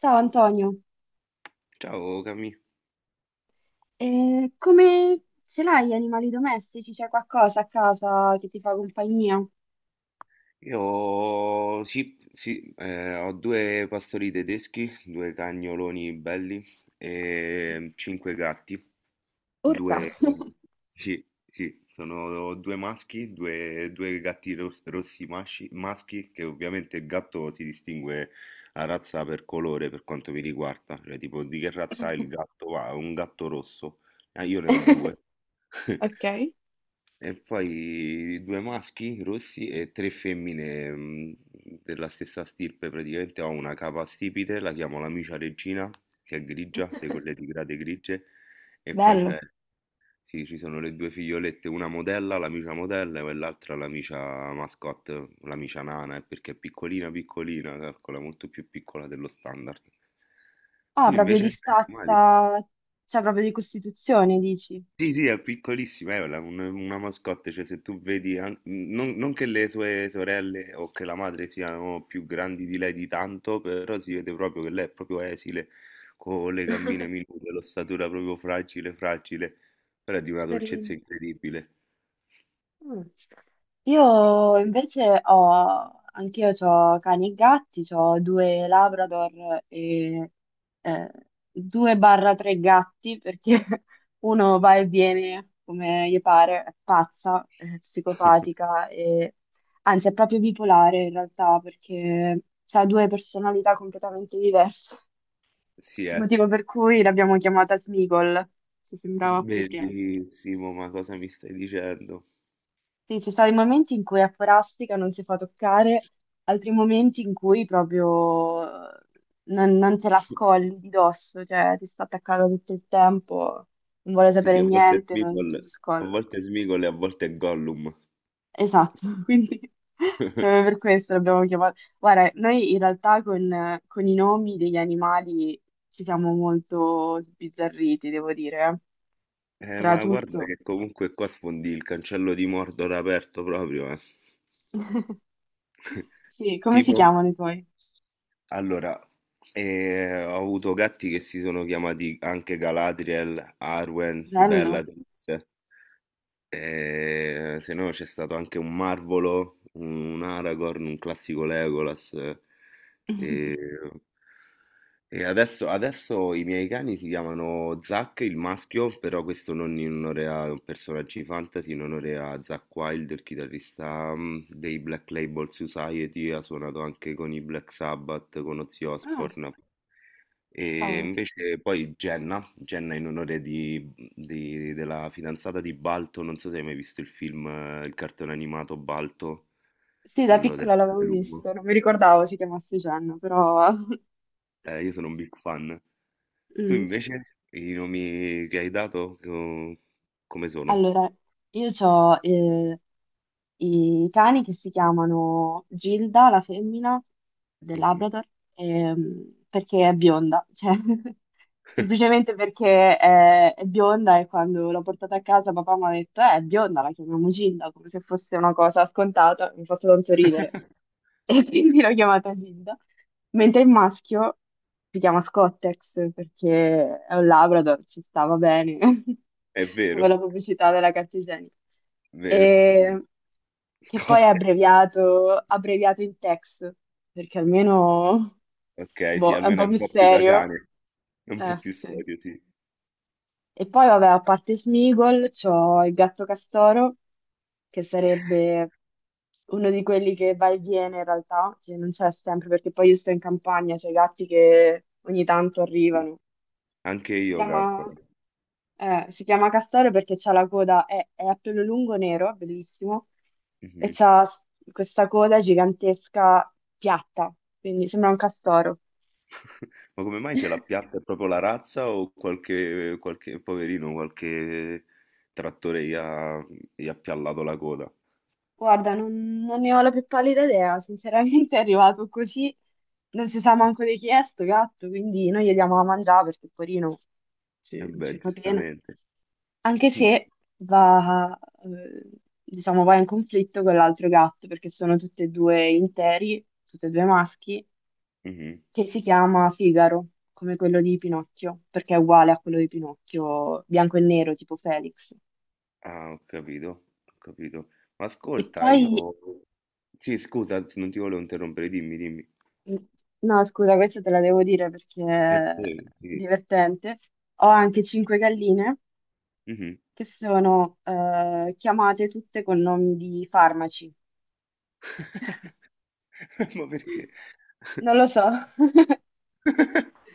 Ciao Antonio. Ciao Cami. Come ce l'hai gli animali domestici? C'è qualcosa a casa che ti fa compagnia? Io sì, sì, ho due pastori tedeschi, due cagnoloni belli e cinque gatti, Urca. due, sì, sì, sono due maschi, due gatti rossi maschi, che ovviamente il gatto si distingue la razza per colore per quanto mi riguarda, cioè tipo, di che razza è il gatto? Ah, è un gatto rosso. Ah, io ne ho due. Ok. E poi due maschi rossi e tre femmine della stessa stirpe, praticamente ho una capa stipite, la chiamo l'amica regina, che è grigia, di quelle tigrate grigie, e poi Bello. c'è, sì, ci sono le due figliolette, una modella, l'amica modella, e l'altra l'amica mascotte, l'amica nana, perché è piccolina piccolina, calcola, molto più piccola dello standard. Ah, Tu proprio invece di hai animali? stazza, cioè proprio di costituzione, dici? Sì, sì, è piccolissima, è una mascotte, cioè se tu vedi, non che le sue sorelle o che la madre siano più grandi di lei di tanto, però si vede proprio che lei è proprio esile, con le gambine minute, l'ossatura proprio fragile, fragile, però è di una dolcezza Carino. incredibile. Mm. Io invece ho, anch'io ho cani e gatti, ho due Labrador e eh, due barra tre gatti perché uno va e viene come gli pare, è pazza, è psicopatica e anzi è proprio bipolare in realtà perché ha due personalità completamente diverse, Sì, è motivo per cui l'abbiamo chiamata Smigol, ci sembrava appropriato. bellissimo, ma cosa mi stai dicendo? Sì, ci sono i momenti in cui a forastica non si fa toccare, altri momenti in cui proprio eh, non te la scolli di dosso, cioè ti sta attaccata tutto il tempo, non vuole sapere Quindi a volte è niente, non ci si Smeagol, a scolla. volte è Smeagol e a volte è Gollum. Esatto, quindi proprio per questo l'abbiamo chiamato. Guarda, noi in realtà con i nomi degli animali ci siamo molto sbizzarriti, devo dire, eh. Tra ma guarda tutto. che comunque qua sfondi il cancello di Mordor aperto proprio, eh. Sì, come si Tipo, chiamano i tuoi? allora, ho avuto gatti che si sono chiamati anche Galadriel, Arwen, Bello. Bellatrix. Se no c'è stato anche un Marvolo, un Aragorn, un classico Legolas. ehm, E adesso i miei cani si chiamano Zack, il maschio, però questo non in onore a personaggi fantasy, in onore a Zack Wild, il chitarrista dei Black Label Society, ha suonato anche con i Black Sabbath, con Ozzy Ah, Osbourne. E cavolo. invece poi Jenna, in onore della fidanzata di Balto, non so se hai mai visto il film, il cartone animato Balto, Sì, da quello del piccola l'avevo lupo. visto, non mi ricordavo si chiamasse Jen, però... Io sono un big fan. Tu Mm. invece, i nomi che hai dato, come sono? Allora, io ho i cani che si chiamano Gilda, la femmina del Mhm. Labrador, perché è bionda, cioè, semplicemente perché è bionda e quando l'ho portata a casa papà mi ha detto, è bionda, la chiamiamo Gilda, come se fosse una cosa scontata, mi faccio tanto ridere. E quindi l'ho chiamata Gilda, mentre il maschio si chiama Scottex perché è un Labrador, ci stava bene, È come vero, la pubblicità della carta igienica. vero. E che poi è Scott. abbreviato in Tex, perché almeno Ok, sì, boh, è un almeno è po' un più po' più da serio. cane, è un po' più Sì. serio, sì. E poi, vabbè, a parte Smeagol, c'ho il gatto castoro, che sarebbe uno di quelli che va e viene in realtà, che non c'è sempre, perché poi io sto in campagna, c'è i gatti che ogni tanto Sì. arrivano. Anche Si io calcolo. chiama, si chiama castoro perché c'ha la coda, è a pelo lungo nero, bellissimo, e Mhm. Questa coda gigantesca piatta, quindi sembra un castoro. Ma come mai ce l'ha piatta? È proprio la razza o qualche poverino, qualche trattore gli ha piallato la coda? Guarda, non ne ho la più pallida idea, sinceramente è arrivato così, non si sa manco di chi è sto gatto, quindi noi gli diamo da mangiare perché porino ci, E ci beh, fa bene, giustamente. anche se va, eh, diciamo, va in conflitto con l'altro gatto perché sono tutti e due interi, tutti e due maschi, Mhm. che si chiama Figaro, come quello di Pinocchio, perché è uguale a quello di Pinocchio, bianco e nero, tipo Felix. Ah, ho capito, ho capito. Ma E ascolta, io... poi Sì, scusa, non ti volevo interrompere, dimmi, dimmi. mm, no, scusa, questa te la devo dire perché E è te, sì. divertente. Ho anche cinque galline Mhm. che sono chiamate tutte con nomi di farmaci. Ma perché? Non lo so,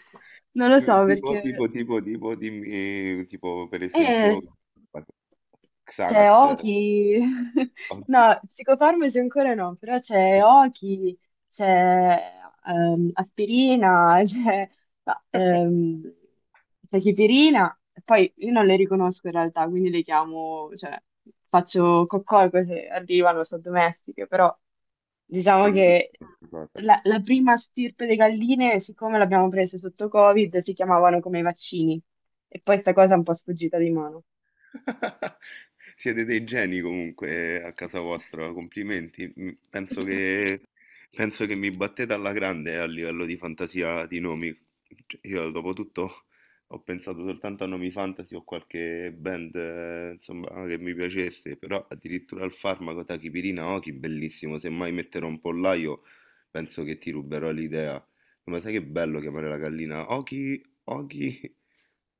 non lo so Tipo, perché... tipo, tipo, tipo, dimmi, tipo, per esempio, eh, c'è Xanax. Oki, no, psicofarmaci ancora no, però c'è Oki, c'è aspirina, c'è no, c'è chipirina, e poi io non le riconosco in realtà, quindi le chiamo, cioè faccio coccolco se arrivano, sono domestiche, però diciamo che Bellissima 'sta cosa. la prima stirpe di galline, siccome l'abbiamo presa sotto Covid, si chiamavano come i vaccini, e poi questa cosa è un po' sfuggita di mano. Siete dei geni comunque, a casa vostra, complimenti. Penso che, penso che mi battete alla grande, a livello di fantasia di nomi. Cioè, io dopo tutto ho pensato soltanto a nomi fantasy o qualche band, insomma, che mi piacesse, però addirittura al farmaco Tachipirina, Oki, bellissimo. Se mai metterò un pollaio, penso che ti ruberò l'idea. No, ma sai che bello chiamare la gallina Oki, Oki,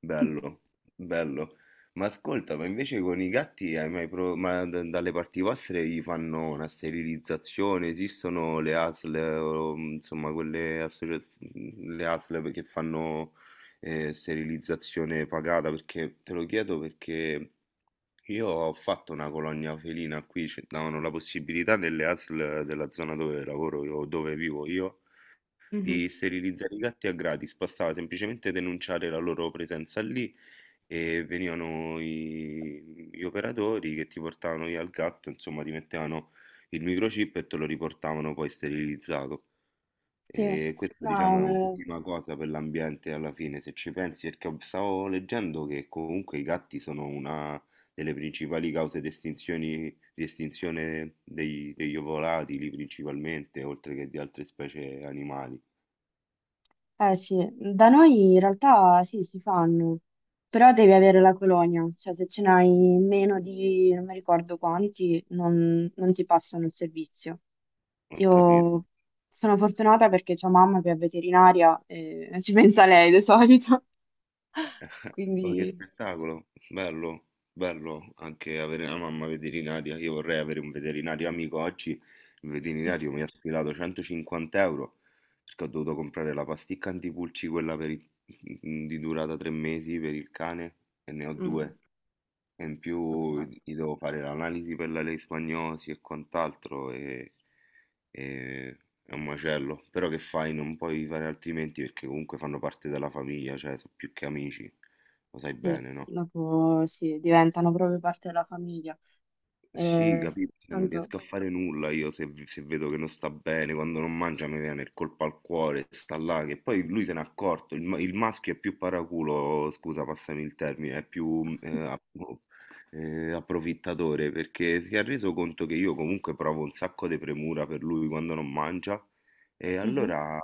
bello, bello. Ma ascolta, ma invece con i gatti hai mai dalle parti vostre gli fanno una sterilizzazione? Esistono le ASL, o, insomma, quelle associazioni, le ASL che fanno, sterilizzazione pagata? Perché te lo chiedo perché io ho fatto una colonia felina qui, ci davano la possibilità, nelle ASL della zona dove lavoro io, dove vivo io, Mhm. di sterilizzare i gatti a gratis. Bastava semplicemente denunciare la loro presenza lì e venivano gli operatori che ti portavano via il gatto, insomma, ti mettevano il microchip e te lo riportavano poi sterilizzato. Sì, E questa, diciamo, è no, un'ultima cosa per l'ambiente alla fine, se ci pensi, perché stavo leggendo che comunque i gatti sono una delle principali cause di di estinzione degli ovolatili principalmente, oltre che di altre specie animali. Sì, da noi in realtà sì, si fanno, però devi avere la colonia, cioè se ce n'hai meno di non mi ricordo quanti, non ti passano il servizio. Ho capito. Io sono fortunata perché c'ho mamma che è veterinaria e ci pensa lei di solito, Ma che quindi spettacolo, bello, bello anche avere una mamma veterinaria. Io vorrei avere un veterinario amico oggi. Il veterinario mi ha sfilato 150 euro perché ho dovuto comprare la pasticca antipulci, quella di durata 3 mesi per il cane, e ne ho mm, due. E in più capirai. gli devo fare l'analisi per la leishmaniosi e quant'altro, e è un macello. Però che fai? Non puoi fare altrimenti perché comunque fanno parte della famiglia, cioè sono più che amici, lo sai Sì, bene, no? dopo sì, diventano proprio parte della famiglia. Sì, Eh, capito, cioè non tanto... riesco a fare nulla io se vedo che non sta bene, quando non mangia mi viene il colpo al cuore, sta là, che poi lui se n'è accorto, il maschio è più paraculo, scusa, passami il termine, è più approfittatore, perché si è reso conto che io comunque provo un sacco di premura per lui quando non mangia, e allora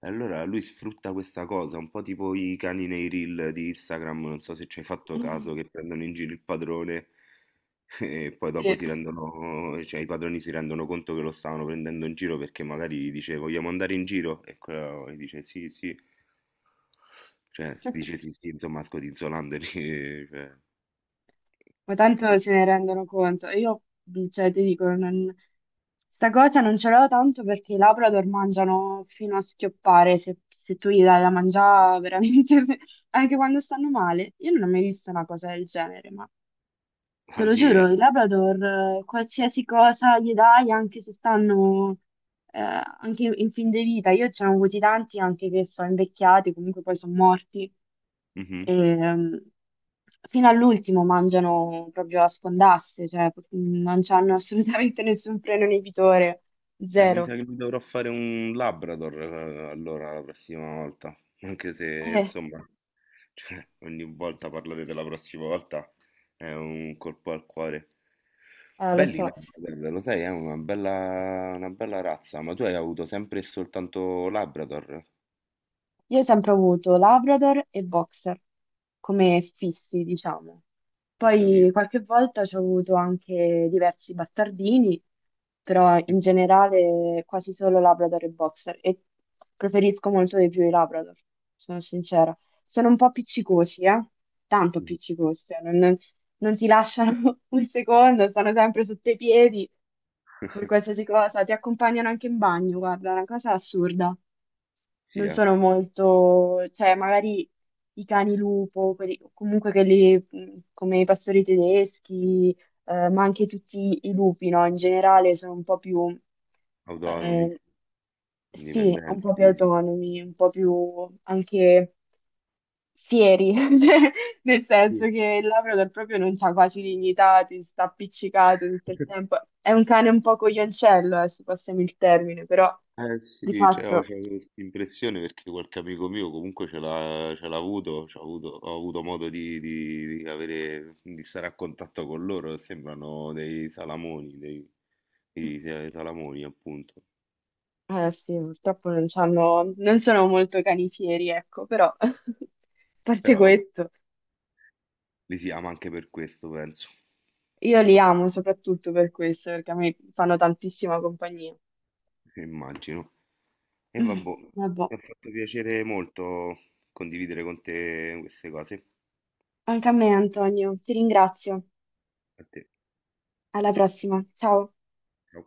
lui sfrutta questa cosa, un po' tipo i cani nei reel di Instagram, non so se ci hai fatto Mhm. caso, che prendono in giro il padrone e poi dopo Sì, si rendono, cioè i padroni si rendono conto che lo stavano prendendo in giro, perché magari gli dice vogliamo andare in giro e quello gli dice sì, sì, cioè dice sì, sì, insomma, scodinzolandoli, cioè, ma tanto capito? se ne rendono conto. E io, cioè, ti dico, non... sta cosa non ce l'ho tanto perché i Labrador mangiano fino a schioppare, se tu gli dai da mangiare veramente, anche quando stanno male. Io non ho mai visto una cosa del genere, ma te Ah lo sì, eh. giuro, i Labrador, qualsiasi cosa gli dai, anche se stanno... anche in fin di vita, io ce ne ho avuti tanti anche che sono invecchiati, comunque poi sono morti. Mhm. E fino all'ultimo mangiano proprio a sfondasse, cioè non hanno assolutamente nessun freno inibitore, Mi zero. sa che mi dovrò fare un Labrador, allora, la prossima volta, anche se Eh, insomma, cioè, ogni volta parlare della prossima volta è un colpo al cuore. Lo Belli i so. Labrador, lo sai, è una bella razza, ma tu hai avuto sempre e soltanto Labrador, Io ho sempre avuto Labrador e Boxer come fissi, diciamo. non Poi capito? qualche volta ci ho avuto anche diversi bastardini, però in generale quasi solo Labrador e Boxer e preferisco molto di più i Labrador, sono sincera. Sono un po' appiccicosi, eh? Tanto appiccicosi, cioè non ti lasciano un secondo, stanno sempre sotto i piedi per qualsiasi cosa, ti accompagnano anche in bagno, guarda, è una cosa assurda Sì, non sono molto, cioè magari i cani lupo, comunque quelli come i pastori tedeschi, ma anche tutti i lupi, no? In generale sono un po' più, autonomi, eh, sì, un indipendenti. po' più autonomi, un po' più anche fieri, cioè, nel senso Sì. che il Labrador proprio non c'ha quasi dignità, ti sta appiccicato tutto il tempo. È un cane un po' coglioncello, se passiamo il termine, però Eh di sì, cioè, ho fatto... c'ho questa impressione perché qualche amico mio comunque ce l'ha avuto, c'ho avuto, ho avuto modo di, di avere, di stare a contatto con loro, sembrano dei salamoni, dei, sì, sì, dei salamoni appunto, Eh sì, purtroppo non c'hanno, non sono molto canifieri, ecco, però a parte però vabbè, questo, li si ama anche per questo, penso, io li amo soprattutto per questo, perché a me fanno tantissima compagnia. immagino. E vabbè, mi Vabbè, ha fatto piacere molto condividere con te queste cose. anche a me, Antonio, ti ringrazio. A te. Alla prossima, ciao. Ciao.